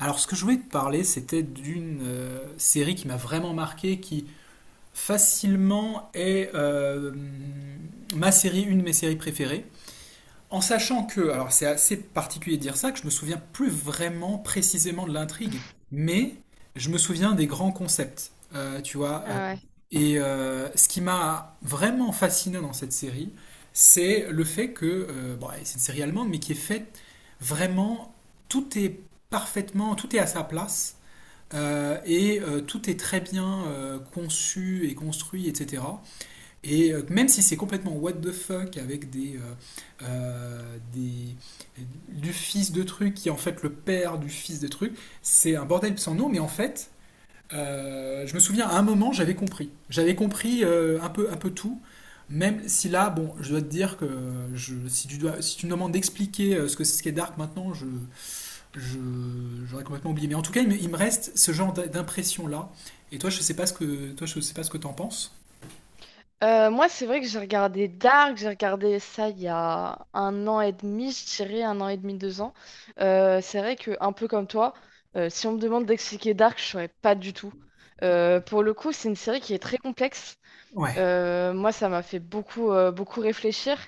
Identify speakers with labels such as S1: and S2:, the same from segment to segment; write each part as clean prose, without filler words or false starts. S1: Alors, ce que je voulais te parler, c'était d'une série qui m'a vraiment marqué, qui facilement est ma série, une de mes séries préférées. En sachant que, alors c'est assez particulier de dire ça, que je me souviens plus vraiment précisément de l'intrigue, mais je me souviens des grands concepts, tu vois.
S2: Ah, ouais.
S1: Et ce qui m'a vraiment fasciné dans cette série, c'est le fait que, bon, c'est une série allemande, mais qui est faite vraiment, tout est parfaitement, tout est à sa place, et tout est très bien conçu et construit, etc. Même si c'est complètement what the fuck avec des, euh, euh, des- du fils de truc qui est en fait le père du fils de truc, c'est un bordel sans nom, mais en fait, je me souviens à un moment j'avais compris. J'avais compris un peu tout. Même si là, bon, je dois te dire que je, si, tu dois, si tu me demandes d'expliquer ce que c'est ce qu'est Dark maintenant, je, j'aurais complètement oublié. Mais en tout cas, il me reste ce genre d'impression là. Et toi, je sais pas ce que t'en penses.
S2: Moi, c'est vrai que j'ai regardé Dark, j'ai regardé ça il y a un an et demi, je dirais un an et demi, deux ans. C'est vrai que, un peu comme toi, si on me demande d'expliquer Dark, je saurais pas du tout. Pour le coup, c'est une série qui est très complexe.
S1: Ouais.
S2: Moi, ça m'a fait beaucoup réfléchir.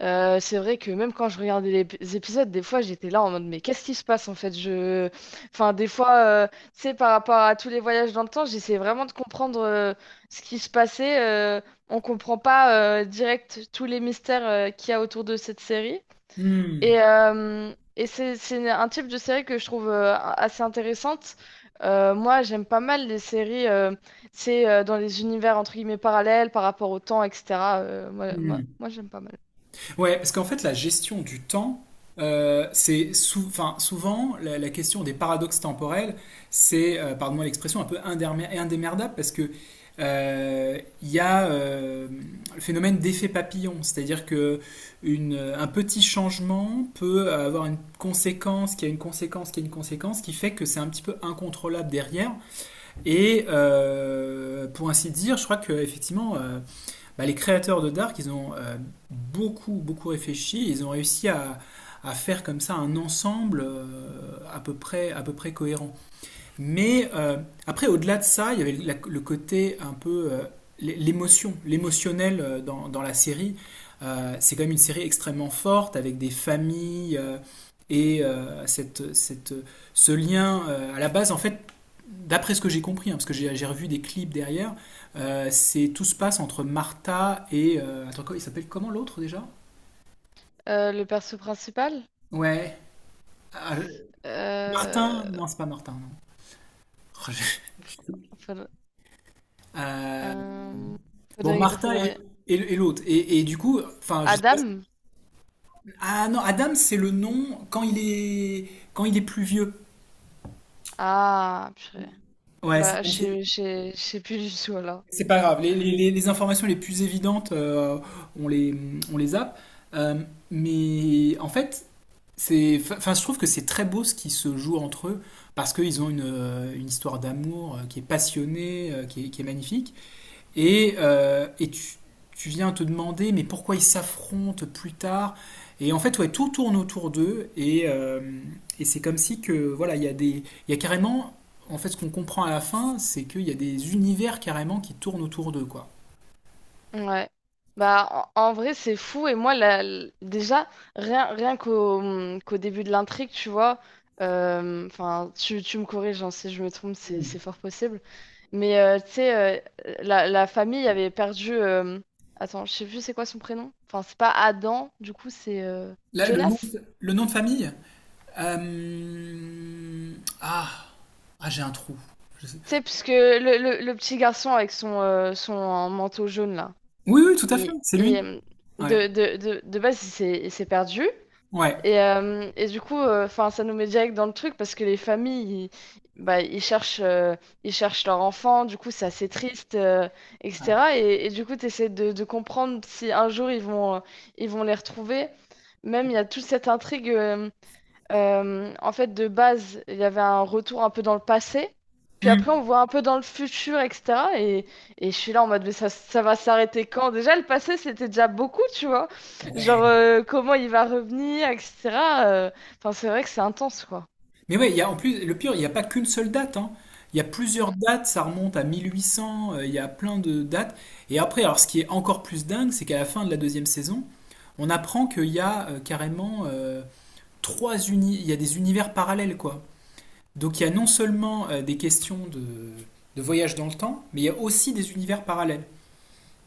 S2: C'est vrai que même quand je regardais les épisodes, des fois, j'étais là en mode, mais qu'est-ce qui se passe en fait? Enfin, des fois, tu sais, par rapport à tous les voyages dans le temps, j'essayais vraiment de comprendre ce qui se passait. On comprend pas direct tous les mystères qu'il y a autour de cette série.
S1: Hmm.
S2: Et c'est un type de série que je trouve assez intéressante. Moi, j'aime pas mal les séries, c'est dans les univers entre guillemets parallèles par rapport au temps, etc. Euh, moi, moi,
S1: Hmm.
S2: moi, j'aime pas mal.
S1: Ouais, parce qu'en fait, la gestion du temps, enfin, souvent la question des paradoxes temporels, pardonne-moi l'expression, un peu indémerdable parce que il y a le phénomène d'effet papillon, c'est-à-dire que un petit changement peut avoir une conséquence, qui a une conséquence, qui a une conséquence, qui fait que c'est un petit peu incontrôlable derrière. Pour ainsi dire, je crois que effectivement. Bah, les créateurs de Dark, ils ont beaucoup, beaucoup réfléchi. Ils ont réussi à faire comme ça un ensemble à peu près cohérent. Mais après, au-delà de ça, il y avait le côté un peu l'émotion, l'émotionnel dans la série. C'est quand même une série extrêmement forte avec des familles et ce lien. À la base, en fait, d'après ce que j'ai compris, hein, parce que j'ai revu des clips derrière, c'est tout se passe entre Martha et attends, quoi, il s'appelle comment l'autre déjà?
S2: Le perso principal.
S1: Ouais, ah,
S2: euh,
S1: Martin. Non, c'est pas Martin. Non.
S2: faudrait,
S1: Euh,
S2: euh,
S1: Bon,
S2: faudrait,
S1: Martha et,
S2: faudrait-
S1: et l'autre. Et du coup, enfin, je sais pas.
S2: Adam?
S1: Ah non, Adam, c'est le nom quand il est plus vieux.
S2: Ah, purée.
S1: Ouais,
S2: Bah, je sais plus du tout alors.
S1: c'est pas grave. Les informations les plus évidentes, on les on les zappe. Euh, mais en fait, c'est, enfin, je trouve que c'est très beau ce qui se joue entre eux parce qu'ils ont une histoire d'amour qui est passionnée, qui est magnifique. Et, tu viens te demander, mais pourquoi ils s'affrontent plus tard. Et en fait, ouais, tout tourne autour d'eux. Et c'est comme si que, voilà, il y a carrément, en fait, ce qu'on comprend à la fin, c'est qu'il y a des univers carrément qui tournent autour d'eux, quoi.
S2: Ouais. Bah, en vrai, c'est fou. Et moi, déjà, rien qu'au qu'au début de l'intrigue, tu vois, enfin, tu me corriges, hein, si je me trompe, c'est
S1: Mm.
S2: fort possible. Mais tu sais, la famille avait perdu. Attends, je sais plus c'est quoi son prénom. Enfin, c'est pas Adam, du coup, c'est
S1: Là,
S2: Jonas.
S1: le nom de famille. Euh, Ah, ah j'ai un trou. Je sais.
S2: Tu sais, puisque le petit garçon avec son manteau jaune, là,
S1: Oui, oui, tout à fait,
S2: et,
S1: c'est
S2: et,
S1: lui.
S2: hum,
S1: Ouais,
S2: de base, il s'est perdu.
S1: ouais.
S2: Et, du coup, enfin, ça nous met direct dans le truc parce que les familles, bah, ils cherchent leur enfant, du coup, c'est assez triste, etc. Et du coup, tu essaies de comprendre si un jour ils vont, ils vont les retrouver. Même, il y a toute cette intrigue. En fait, de base, il y avait un retour un peu dans le passé. Puis après,
S1: Hmm.
S2: on voit un peu dans le futur, etc. Et je suis là en mode, mais ça va s'arrêter quand? Déjà, le passé, c'était déjà beaucoup, tu vois. Genre,
S1: Ouais.
S2: comment il va revenir, etc. euh, Enfin, c'est vrai que c'est intense, quoi.
S1: Mais ouais, il y a, en plus, le pire, il n'y a pas qu'une seule date, hein. Il y a plusieurs
S2: Mm.
S1: dates, ça remonte à 1800, il y a plein de dates. Et après, alors ce qui est encore plus dingue, c'est qu'à la fin de la deuxième saison, on apprend qu'il y a carrément trois uni il y a des univers parallèles, quoi. Donc il y a non seulement des questions de voyage dans le temps, mais il y a aussi des univers parallèles,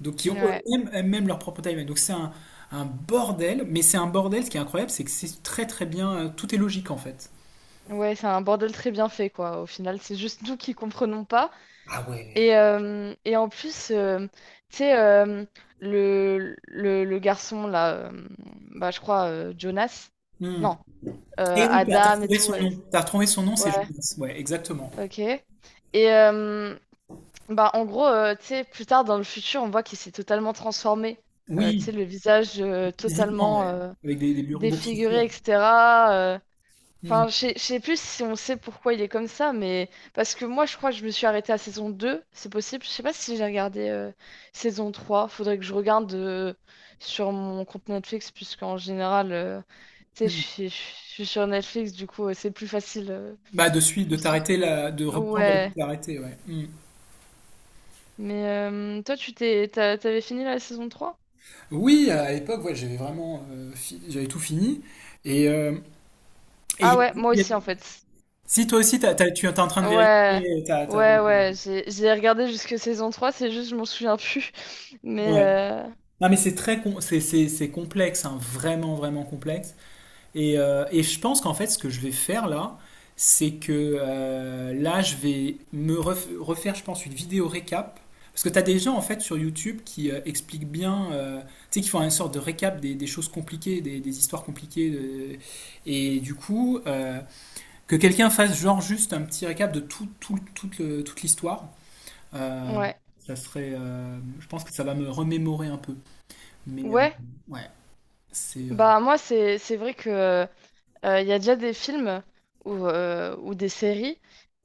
S1: donc qui ont
S2: Ouais.
S1: eux-mêmes même leur propre timeline. Donc c'est un bordel, mais c'est un bordel, ce qui est incroyable, c'est que c'est très très bien, tout est logique en fait.
S2: Ouais, c'est un bordel très bien fait, quoi. Au final, c'est juste nous qui comprenons pas.
S1: Ah ouais.
S2: Et en plus, tu sais, le garçon, là, bah, je crois, Jonas.
S1: Hmm.
S2: Non,
S1: Et oui, t'as
S2: Adam et
S1: retrouvé son
S2: tout.
S1: nom. T'as retrouvé son nom, c'est
S2: Ouais,
S1: Jonas. Ouais, exactement.
S2: ok. Et euh, bah, en gros, tu sais, plus tard dans le futur, on voit qu'il s'est totalement transformé. Tu sais,
S1: Oui,
S2: le visage
S1: physiquement,
S2: totalement
S1: ouais. Avec des, boursouflures.
S2: défiguré, etc. euh.
S1: Hmm,
S2: Enfin, je sais plus si on sait pourquoi il est comme ça, mais parce que moi, je crois que je me suis arrêtée à saison deux, c'est possible. Je sais pas si j'ai regardé saison trois. Faudrait que je regarde sur mon compte Netflix, puisqu'en général, tu sais, je
S1: hmm.
S2: suis je suis sur Netflix, du coup, c'est plus facile.
S1: Bah, de suite, de
S2: Donc,
S1: t'arrêter là, de reprendre là où tu
S2: ouais,
S1: t'es arrêté, ouais. Hmm.
S2: mais toi, t'avais fini la saison trois?
S1: Oui, à l'époque, ouais, j'avais vraiment, j'avais tout fini. Et, et il
S2: Ah,
S1: y a-
S2: ouais, moi
S1: il y
S2: aussi en
S1: a-
S2: fait.
S1: si toi aussi, tu es en train de
S2: Ouais,
S1: vérifier, t'as.
S2: ouais, ouais, j'ai regardé jusque saison trois, c'est juste, je m'en souviens plus. Mais
S1: Ouais. Non, mais c'est, c'est complexe, hein, vraiment, vraiment complexe. Et je pense qu'en fait, ce que je vais faire là, c'est que je vais refaire, je pense, une vidéo récap. Parce que tu as des gens, en fait, sur YouTube qui expliquent bien, tu sais, qui font une sorte de récap des choses compliquées, des histoires compliquées. Et du coup, que quelqu'un fasse genre juste un petit récap de tout, toute l'histoire, euh,
S2: ouais,
S1: ça serait, je pense que ça va me remémorer un peu. Mais
S2: ouais,
S1: ouais, c'est.
S2: bah moi, c'est vrai que il y a déjà des films ou des séries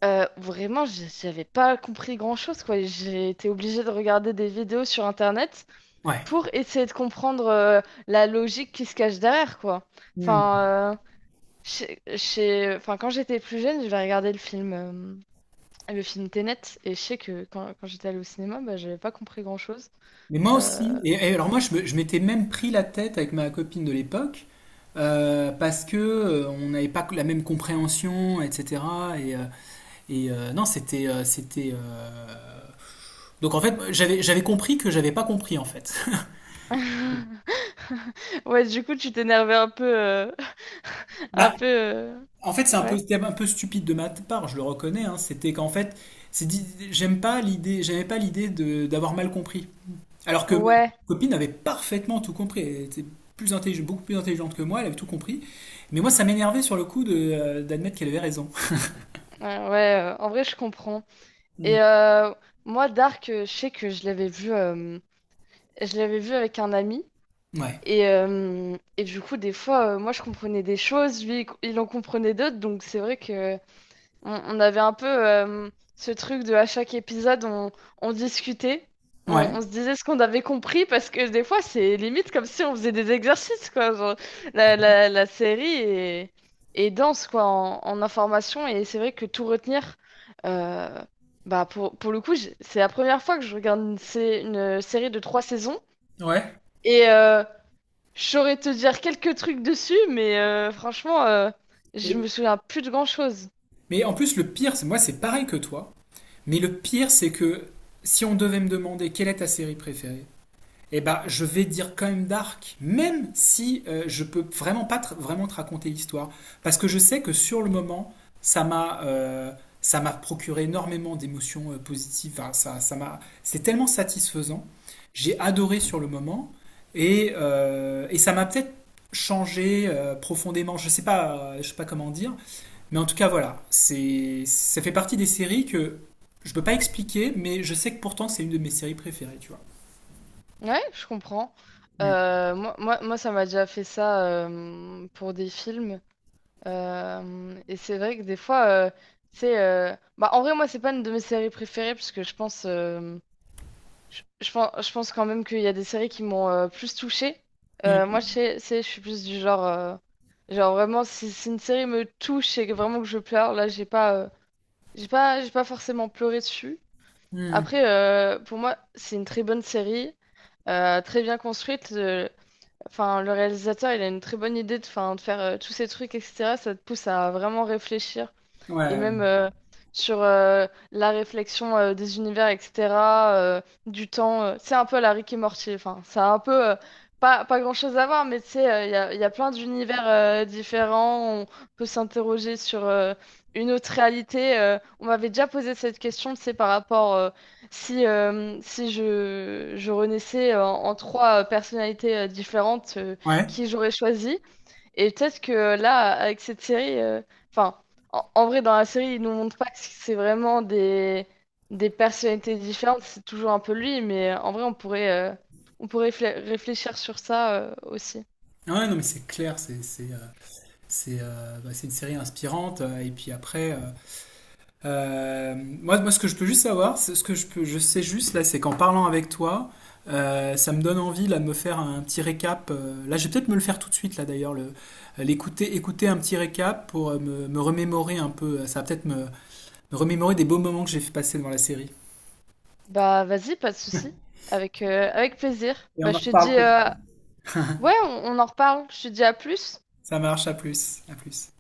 S2: où vraiment, j'avais pas compris grand-chose, quoi. J'ai été obligée de regarder des vidéos sur internet pour essayer de comprendre la logique qui se cache derrière, quoi.
S1: Ouais.
S2: Enfin, euh, enfin quand j'étais plus jeune, j'avais regardé le film Tenet, et je sais que quand j'étais allée au cinéma, bah, j'avais pas compris grand-chose.
S1: Mais moi aussi,
S2: Euh,
S1: et alors je m'étais même pris la tête avec ma copine de l'époque, parce que on n'avait pas la même compréhension, etc. Et, non, c'était. Donc en fait, j'avais compris que j'avais pas compris en fait.
S2: Ouais, du coup, tu t'énervais un peu, un
S1: Bah,
S2: peu,
S1: en fait, c'est un peu,
S2: ouais.
S1: c'était un peu stupide de ma part, je le reconnais. Hein. C'était qu'en fait, c'est dit- j'aime pas l'idée, j'aimais pas l'idée de d'avoir mal compris. Alors que ma
S2: Ouais,
S1: copine avait parfaitement tout compris. Elle était plus intelligente, beaucoup plus intelligente que moi, elle avait tout compris. Mais moi, ça m'énervait sur le coup de, d'admettre qu'elle avait raison.
S2: ouais, ouais, en vrai, je comprends.
S1: Mm.
S2: Et moi, Dark, je sais que je l'avais vu avec un ami.
S1: Ouais.
S2: Et, du coup, des fois, moi, je comprenais des choses, lui, il en comprenait d'autres. Donc, c'est vrai que on avait un peu ce truc de à chaque épisode, on discutait, on
S1: Ouais.
S2: se disait ce qu'on avait compris, parce que des fois, c'est limite comme si on faisait des exercices, quoi. Genre, la série est dense, quoi, en information. Et c'est vrai que tout retenir, euh, bah, pour le coup, c'est la première fois que je regarde une série de trois saisons.
S1: Ouais.
S2: Et, je saurais te dire quelques trucs dessus, mais franchement, je me
S1: Et.
S2: souviens plus de grand-chose.
S1: Mais en plus, le pire, c'est moi, c'est pareil que toi. Mais le pire, c'est que si on devait me demander quelle est ta série préférée, eh ben, je vais dire quand même Dark, même si je peux vraiment pas vraiment te raconter l'histoire, parce que je sais que sur le moment, ça m'a euh, ça m'a procuré énormément d'émotions positives. Enfin, ça ça m'a c'est tellement satisfaisant. J'ai adoré sur le moment et et ça m'a peut-être changé profondément. Je sais pas comment dire, mais en tout cas voilà, c'est ça fait partie des séries que je peux pas expliquer, mais je sais que pourtant c'est une de mes séries préférées, tu vois.
S2: Ouais, je comprends.
S1: Mm.
S2: Moi, ça m'a déjà fait ça pour des films. Et c'est vrai que des fois, c'est. Bah, en vrai, moi, c'est pas une de mes séries préférées, parce que je pense quand même qu'il y a des séries qui m'ont plus touchée. Moi, je
S1: Mm.
S2: sais, je suis plus du genre. Genre, vraiment, si une série me touche et que vraiment que je pleure, là, j'ai pas forcément pleuré dessus.
S1: Hmm.
S2: Après, pour moi, c'est une très bonne série, très bien construite. Enfin, le réalisateur, il a une très bonne idée de, enfin, de faire tous ces trucs, etc. Ça te pousse à vraiment réfléchir et
S1: Ouais, ouais.
S2: même sur la réflexion des univers, etc., euh, du temps. C'est un peu la Rick et Morty, enfin, ça a un peu pas grand-chose à voir, mais tu sais, il y a plein d'univers différents, on peut s'interroger sur une autre réalité. On m'avait déjà posé cette question, tu sais, par rapport, si je renaissais en trois personnalités différentes,
S1: Ouais,
S2: qui j'aurais choisi? Et peut-être que là, avec cette série, enfin, en vrai, dans la série, ils nous montrent pas que c'est vraiment des personnalités différentes, c'est toujours un peu lui, mais en vrai, on pourrait réfléchir sur ça, aussi.
S1: ah ouais, non, mais c'est clair, c'est bah, c'est une série inspirante. Et puis après, moi, ce que je peux juste savoir, ce que je peux, je sais juste là, c'est qu'en parlant avec toi, ça me donne envie là de me faire un petit récap. Je vais peut-être me le faire tout de suite là d'ailleurs, le l'écouter, écouter un petit récap pour me remémorer un peu. Ça va peut-être me, me remémorer des beaux moments que j'ai fait passer devant la série.
S2: Bah, vas-y, pas de souci. Avec plaisir.
S1: Et
S2: Bah,
S1: on en
S2: je te dis,
S1: reparle peut-être.
S2: ouais, on en reparle. Je te dis à plus.
S1: Ça marche, à plus, à plus.